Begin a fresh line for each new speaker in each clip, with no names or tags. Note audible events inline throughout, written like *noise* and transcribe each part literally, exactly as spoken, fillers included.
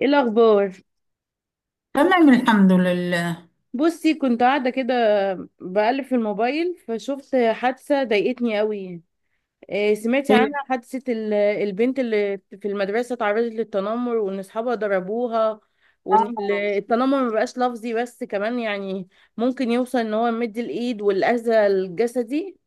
ايه الاخبار؟
تمام، الحمد لله.
بصي، كنت قاعده كده بقلب في الموبايل، فشفت حادثه ضايقتني قوي. إيه، سمعتي
خير.
عنها؟ حادثه ال- البنت اللي في المدرسه اتعرضت للتنمر، وان اصحابها ضربوها، وان ال-
آه
التنمر مبقاش لفظي بس، كمان يعني ممكن يوصل ان هو يمد الايد والاذى الجسدي.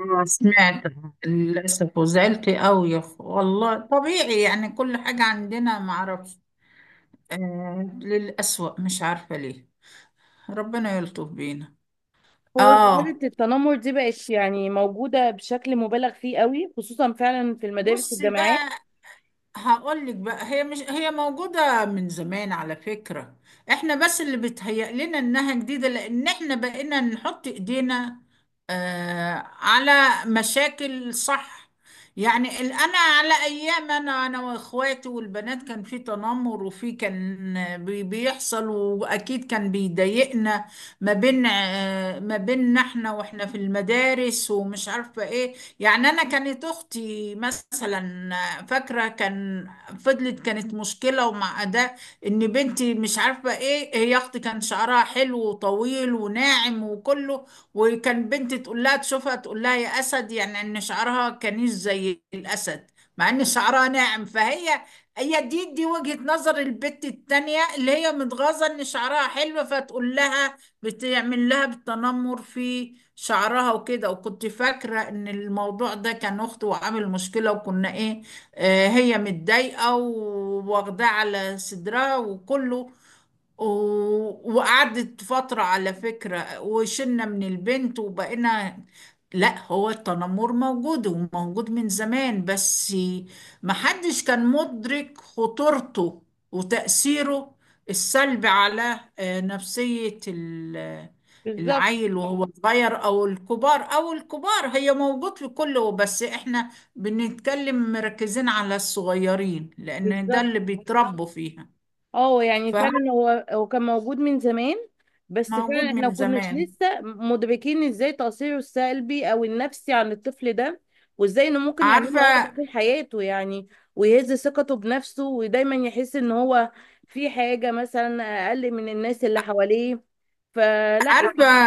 آه، سمعت للأسف، وزعلت أوي والله. طبيعي يعني، كل حاجة عندنا معرفش. آه، للأسوأ مش عارفة ليه. ربنا يلطف بينا.
هو ظاهره
آه.
التنمر دي بقت يعني موجوده بشكل مبالغ فيه قوي، خصوصا فعلا في المدارس
بصي
والجامعات.
بقى، هقول لك بقى، هي مش هي موجودة من زمان على فكرة. احنا بس اللي بيتهيأ لنا انها جديدة، لان احنا بقينا نحط ايدينا، آه، على مشاكل، صح؟ يعني ال- انا، على ايام انا انا واخواتي والبنات، كان في تنمر، وفي كان بي- بيحصل، واكيد كان بيضايقنا. ما بين آه ما بيننا احنا، واحنا في المدارس، ومش عارفة ايه. يعني أنا كانت أختي مثلا، فاكرة كان، فضلت كانت مشكلة. ومع ده إن بنتي، مش عارفة إيه، هي أختي كان شعرها حلو وطويل وناعم وكله، وكان بنتي تقول لها، تشوفها تقول لها يا أسد، يعني إن شعرها كانش زي الأسد، مع إن شعرها ناعم. فهي، هي دي دي وجهة نظر البت التانية اللي هي متغاظة إن شعرها حلو، فتقول لها، بتعمل لها بالتنمر في شعرها وكده. وكنت فاكرة ان الموضوع ده كان اخته وعامل مشكلة، وكنا ايه، آه، هي متضايقة وواخداه على صدرها وكله. و- وقعدت فترة على فكرة، وشلنا من البنت، وبقينا، لا، هو التنمر موجود، وموجود من زمان، بس محدش كان مدرك خطورته وتأثيره السلبي على، آه، نفسية ال-
بالظبط.
العيل وهو صغير، أو الكبار، أو الكبار هي موجود في كله، بس إحنا بنتكلم مركزين على الصغيرين، لأن ده
بالظبط.
اللي بيتربوا فيها.
اه، يعني
فاهم؟
فعلا هو هو كان موجود من زمان. بس فعلا
موجود
احنا ما
من
كناش
زمان.
لسه مدركين ازاي تأثيره السلبي او النفسي عن الطفل ده، وازاي انه ممكن يعمل له
عارفة.
عقدة طول حياته يعني، ويهز ثقته بنفسه، ودايما يحس ان هو في حاجة مثلا اقل من الناس اللي حواليه، فلا
عارفة.
يعني.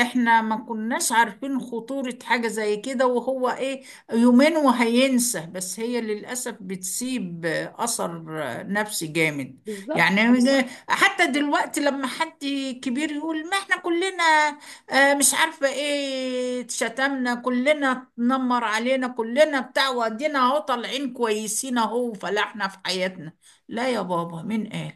احنا ما كناش عارفين خطورة حاجة زي كده، وهو ايه، يومين وهينسى، بس هي للأسف بتسيب أثر نفسي جامد.
بالظبط.
يعني زي- حتى دلوقتي لما حد كبير يقول، ما احنا كلنا، آه، مش عارفة ايه، اتشتمنا كلنا، اتنمر علينا كلنا بتاع، وادينا اهو طالعين كويسين اهو، وفلاحنا في حياتنا. لا يا بابا، مين قال؟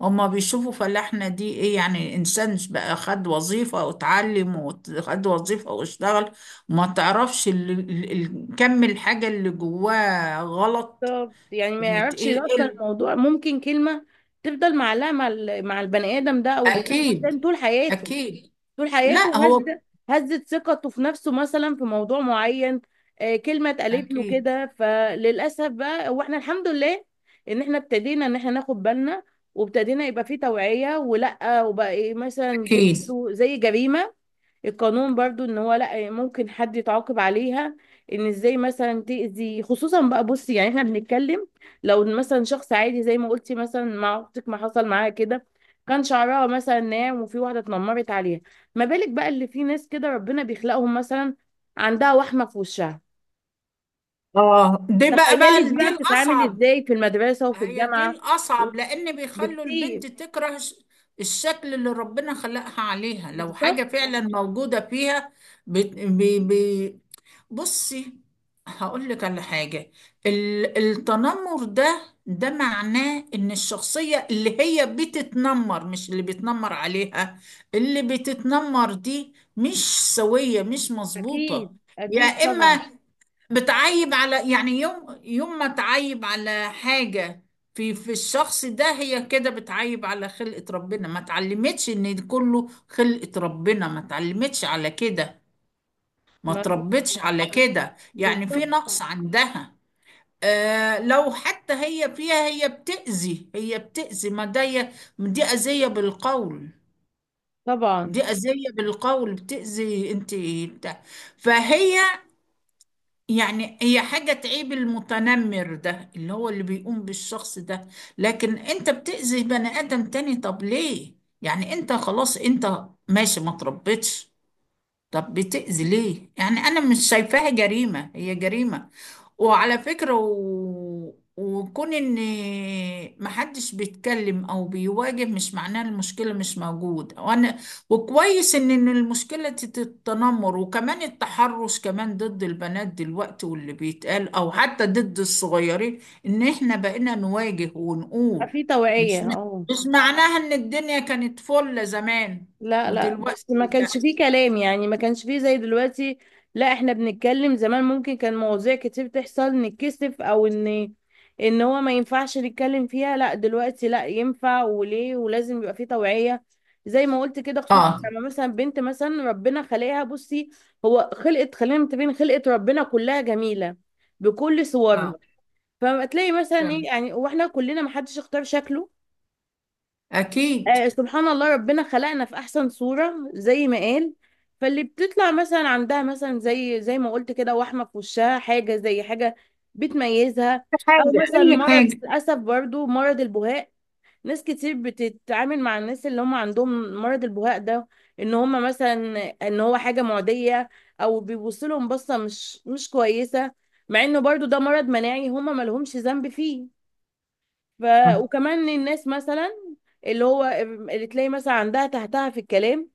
هما بيشوفوا فلاحنا دي ايه؟ يعني انسان بقى، خد وظيفة واتعلم، وخد وظيفة واشتغل، وما تعرفش ال- ال- ال- كم الحاجة اللي جواه غلط.
بالظبط. يعني ما
يعني ت-
يعرفش
ايه إيه
اصلا
ال-
الموضوع، ممكن كلمة تفضل معلقة مع ال- مع البني ادم ده او الانسان
اكيد.
طول حياته
اكيد.
طول
لا
حياته هز
هو.
هزت ثقته في نفسه مثلا في موضوع معين. آه، كلمة اتقالت له
اكيد.
كده، فللأسف. بقى واحنا الحمد لله ان احنا ابتدينا ان احنا ناخد بالنا، وابتدينا يبقى فيه توعية، ولا وبقى إيه، مثلا دي
اكيد.
برضه زي جريمة. القانون برضو ان هو لا ممكن حد يتعاقب عليها، ان ازاي مثلا تأذي. خصوصا بقى، بصي، يعني احنا بنتكلم لو إن مثلا شخص عادي زي ما قلتي، مثلا مع اختك، ما حصل معاها كده كان شعرها مثلا ناعم، وفي واحدة اتنمرت عليها. ما بالك بقى اللي في ناس كده ربنا بيخلقهم مثلا عندها وحمة في وشها،
اه، دي بقى
تخيلي
بقى
دي
دي
بقى بتتعامل
الاصعب.
ازاي في المدرسة وفي
هي دي
الجامعة!
الاصعب، لان بيخلوا البنت
بكتير.
تكره ش- الشكل اللي ربنا خلقها عليها، لو
بالظبط.
حاجة فعلا موجودة فيها. بت- بي- بي- بصي، هقول لك على حاجة. ال- التنمر ده ده معناه ان الشخصية اللي هي بتتنمر، مش اللي بيتنمر عليها، اللي بتتنمر دي مش سوية، مش مظبوطة.
اكيد،
يا
اكيد طبعا.
اما بتعيب على، يعني يوم يوم ما تعيب على حاجة في في الشخص ده، هي كده بتعيب على خلقة ربنا، ما اتعلمتش ان كله خلقة ربنا، ما اتعلمتش على كده، ما
ما
تربتش على كده، يعني في
بالظبط
نقص عندها. آه، لو حتى هي فيها، هي بتأذي، هي بتأذي ما ده ي- دي أذية بالقول.
طبعا.
دي أذية بالقول بتأذي انت. بتاع. فهي، يعني هي حاجة تعيب المتنمر ده اللي هو اللي بيقوم بالشخص ده. لكن انت بتأذي بني آدم تاني، طب ليه؟ يعني انت خلاص، انت ماشي ما تربتش، طب بتأذي ليه؟ يعني أنا مش شايفاها جريمة، هي جريمة. وعلى فكرة، و... وكون إن محدش بيتكلم أو بيواجه، مش معناه المشكلة مش موجودة. وأنا، وكويس إن إن المشكلة تت- التنمر، وكمان التحرش كمان ضد البنات دلوقتي، واللي بيتقال، أو حتى ضد الصغيرين، إن إحنا بقينا نواجه
بقى
ونقول.
في
مش
توعية، اه.
مش معناها إن الدنيا كانت فل زمان،
لا، لا،
ودلوقتي
بس ما
لا.
كانش فيه كلام يعني، ما كانش فيه زي دلوقتي. لا، احنا بنتكلم زمان ممكن كان مواضيع كتير تحصل نتكسف، او ان ان هو ما ينفعش نتكلم فيها. لا، دلوقتي لا ينفع، وليه ولازم يبقى فيه توعية زي ما قلت كده، خصوصا
اه.
لما مثلا بنت مثلا ربنا خلقها. بصي، هو خلقت، خلينا متفقين، خلقت ربنا كلها جميلة بكل صورها،
اه.
فما تلاقي مثلا ايه
تمام.
يعني، واحنا كلنا ما حدش اختار شكله.
اكيد.
آه، سبحان الله، ربنا خلقنا في احسن صورة زي ما قال. فاللي بتطلع مثلا عندها مثلا زي زي ما قلت كده وحمة في وشها، حاجة زي حاجة بتميزها، او
حاجه،
مثلا
اي
مرض،
حاجه.
للاسف، برضو مرض البهاء. ناس كتير بتتعامل مع الناس اللي هم عندهم مرض البهاء ده ان هم مثلا ان هو حاجة معدية، او بيبصوا لهم بصة مش مش كويسة، مع انه برضو ده مرض مناعي هم ما لهمش ذنب فيه. ف... وكمان الناس مثلا اللي هو اللي تلاقي مثلا عندها تحتها في الكلام،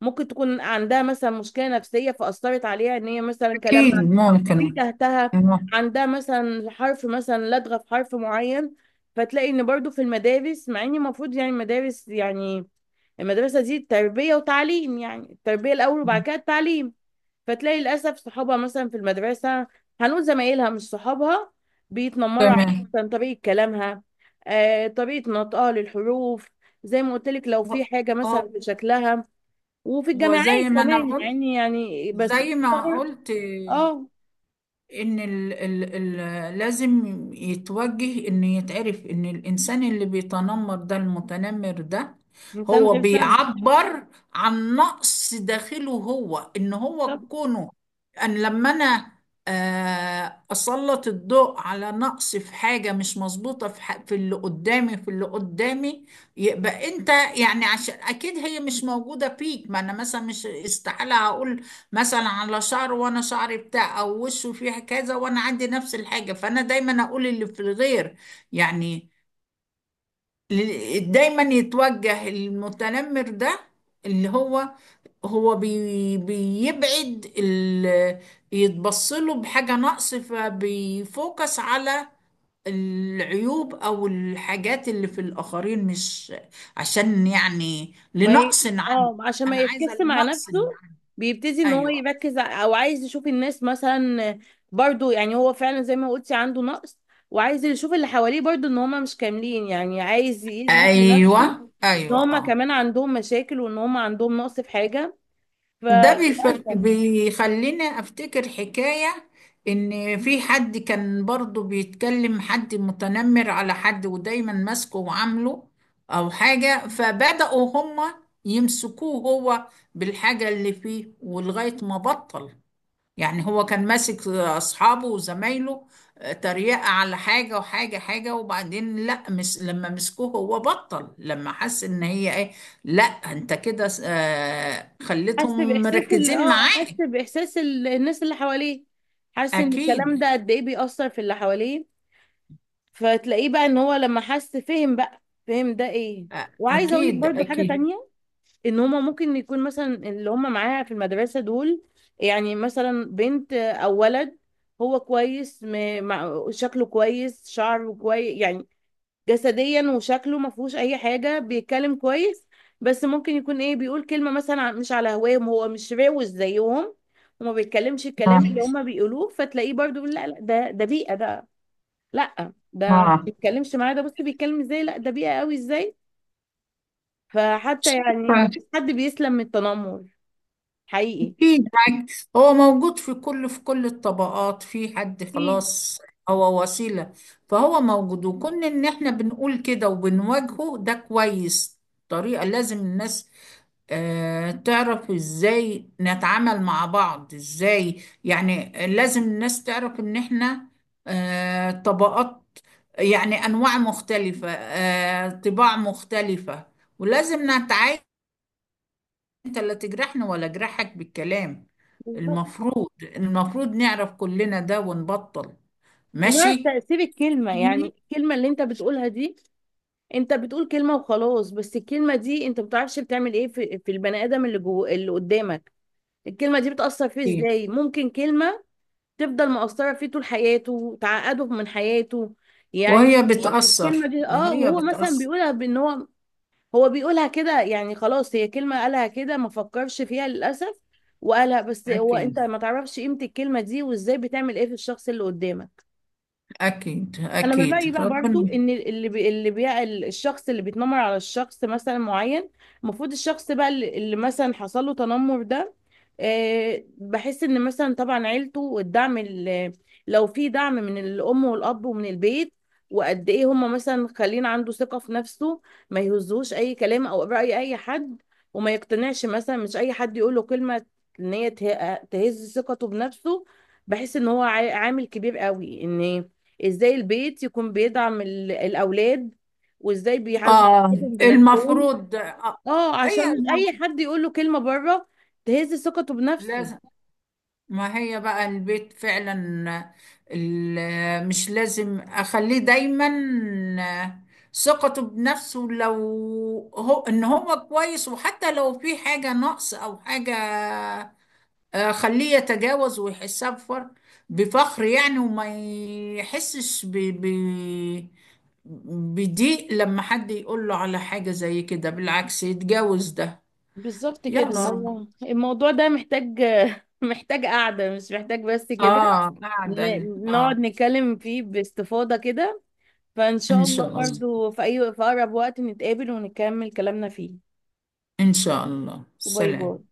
ممكن تكون عندها مثلا مشكلة نفسية فأثرت عليها إن هي مثلا كلامها
اكيد
في
ممكن.
تحتها،
مم.
عندها مثلا حرف، مثلا لدغة في حرف معين. فتلاقي إن برضو في المدارس، مع إن المفروض يعني المدارس يعني المدرسة دي تربية وتعليم، يعني التربية الأول وبعد كده التعليم، فتلاقي للاسف صحابها مثلا في المدرسه، هنقول زمايلها مش صحابها، بيتنمروا على
تمام.
مثلا طريقه كلامها، آه، طريقه نطقها للحروف. زي ما قلت لك، لو
هو.
في حاجه مثلا في شكلها. وفي
هو
الجامعات
زي ما انا
كمان
قلت،
يعني يعني بس
زي ما
بستغرب.
قلت
اه
ان ال ال ال لازم يتوجه، ان يتعرف ان الانسان اللي بيتنمر ده، المتنمر ده،
انسان
هو
غير سوي.
بيعبر عن نقص داخله هو. ان هو كونه، ان لما انا، آه، اسلط الضوء على نقص، في حاجة مش مظبوطة في ح- في اللي قدامي، في اللي قدامي يبقى انت، يعني عشان اكيد هي مش موجودة فيك. ما انا مثلا مش استحالة هقول مثلا على شعره وانا شعري بتاع، او وشه فيه كذا وانا عندي نفس الحاجه، فانا دايما اقول اللي في الغير. يعني ل- دايما يتوجه المتنمر ده، اللي هو، هو بي بيبعد ال، يتبص له بحاجه نقص، فبيفوكس على العيوب او الحاجات اللي في الاخرين، مش عشان، يعني
ما ي...
لنقص عنه.
اه عشان ما
انا عايزه
يفكس مع
لنقص
نفسه،
عنه.
بيبتدي ان هو
ايوه.
يركز ع- او عايز يشوف الناس مثلا. برضو يعني، هو فعلا زي ما قلتي، عنده نقص، وعايز يشوف اللي حواليه برضو ان هما مش كاملين، يعني عايز يثبت لنفسه
ايوه،
ان
ايوه
هما
اه.
كمان عندهم مشاكل، وان هما عندهم نقص في حاجة،
ده بيف...
فللأسف.
بيخلينا افتكر حكايه ان في حد كان برضو بيتكلم، حد متنمر على حد، ودايما ماسكه وعامله او حاجه، فبداوا هما يمسكوه هو بالحاجه اللي فيه، ولغايه ما بطل. يعني هو كان ماسك اصحابه وزمايله، آه، تريقة على حاجة وحاجة حاجة، وبعدين لا، مس لما مسكوه هو بطل، لما حس ان هي ايه، لا انت كده، آه،
حس
خليتهم
بإحساس ال
مركزين
اه
معاك.
حس بإحساس ال... الناس اللي حواليه، حاسس ان الكلام
اكيد.
ده قد ايه بيأثر في اللي حواليه، فتلاقيه بقى ان هو لما حس فهم، بقى فهم ده ايه؟
أ-
وعايزه اقول لك
اكيد.
برضو حاجه
اكيد.
تانية، ان هما ممكن يكون مثلا اللي هما معاها في المدرسه دول، يعني مثلا بنت او ولد، هو كويس، م- مع- شكله كويس، شعره كويس، يعني جسديا وشكله ما فيهوش اي حاجه، بيتكلم كويس. بس ممكن يكون ايه، بيقول كلمه مثلا ع- مش على هواهم، هو مش روش زيهم، وما بيتكلمش الكلام اللي هما بيقولوه، فتلاقيه برضو بيقول لا لا، ده ده بيئه، ده لا، ده ما
اه.
بيتكلمش معايا، ده بص بيتكلم ازاي، لا ده بيئة قوي ازاي! فحتى يعني ما
اه.
فيش حد بيسلم من التنمر، حقيقي.
في بالعكس، هو موجود في كل، في كل الطبقات، في حد
اكيد.
خلاص، هو وسيلة، فهو موجود. وكون ان احنا بنقول كده وبنواجهه، ده كويس. طريقة، لازم الناس، آه، تعرف ازاي نتعامل مع بعض ازاي، يعني لازم الناس تعرف ان احنا، آه، طبقات، يعني انواع مختلفة، آه، طباع مختلفة، ولازم نتعايش. انت لا تجرحني، ولا اجرحك بالكلام.
بالظبط.
المفروض، المفروض نعرف كلنا ده ونبطل.
ونعرف
ماشي.
تأثير الكلمة، يعني الكلمة اللي انت بتقولها دي، انت بتقول كلمة وخلاص، بس الكلمة دي انت ما بتعرفش بتعمل ايه في, في البني ادم اللي جوه اللي قدامك. الكلمة دي بتأثر فيه ازاي، ممكن كلمة تفضل مؤثرة فيه طول حياته، تعقده من حياته يعني.
وهي بتأثر
الكلمة دي، اه
وهي
وهو مثلا
بتأثر.
بيقولها بان هو هو بيقولها كده، يعني خلاص هي كلمة قالها كده ما فكرش فيها، للأسف، وقالها، بس هو انت
أكيد،
ما تعرفش قيمة الكلمة دي وازاي بتعمل ايه في الشخص اللي قدامك.
أكيد،
انا من رايي
أكيد.
بقى برضو
ربنا.
ان اللي بي... اللي بي... الشخص اللي بيتنمر على الشخص مثلا معين، المفروض الشخص بقى اللي اللي مثلا حصل له تنمر ده، آه، بحس ان مثلا طبعا عيلته والدعم ال- لو في دعم من الام والاب ومن البيت، وقد ايه هم مثلا خلين عنده ثقة في نفسه، ما يهزوش اي كلام او رأي اي حد، وما يقتنعش مثلا مش اي حد يقول له كلمة ان هي ته- تهز ثقته بنفسه. بحس ان هو عا- عامل كبير قوي ان ازاي البيت يكون بيدعم ال- الاولاد، وازاي بيعزز
آه.
ثقتهم بنفسهم.
المفروض. آه.
اه عشان
هي
مش
الم...
اي حد يقول له كلمه بره تهز ثقته بنفسه.
لازم، ما هي بقى البيت فعلا. ال- مش لازم اخليه دايما ثقته بنفسه، لو هو ان هو كويس، وحتى لو في حاجة نقص او حاجة، آه، خليه يتجاوز ويحسها بفر بفخر، يعني، وما يحسش ب... ب... بضيق لما حد يقول له على حاجة زي كده، بالعكس يتجاوز ده.
بالظبط
يلا
كده،
بالظبط، رب.
هو الموضوع ده محتاج *laughs* محتاج قعده، مش محتاج بس كده،
اه، قاعدة،
ن-
اه.
نقعد نتكلم فيه باستفاضه كده. فان شاء
ان
الله
شاء الله.
برضو في اي في اقرب وقت نتقابل ونكمل كلامنا فيه.
إن شاء الله،
باي باي.
سلام.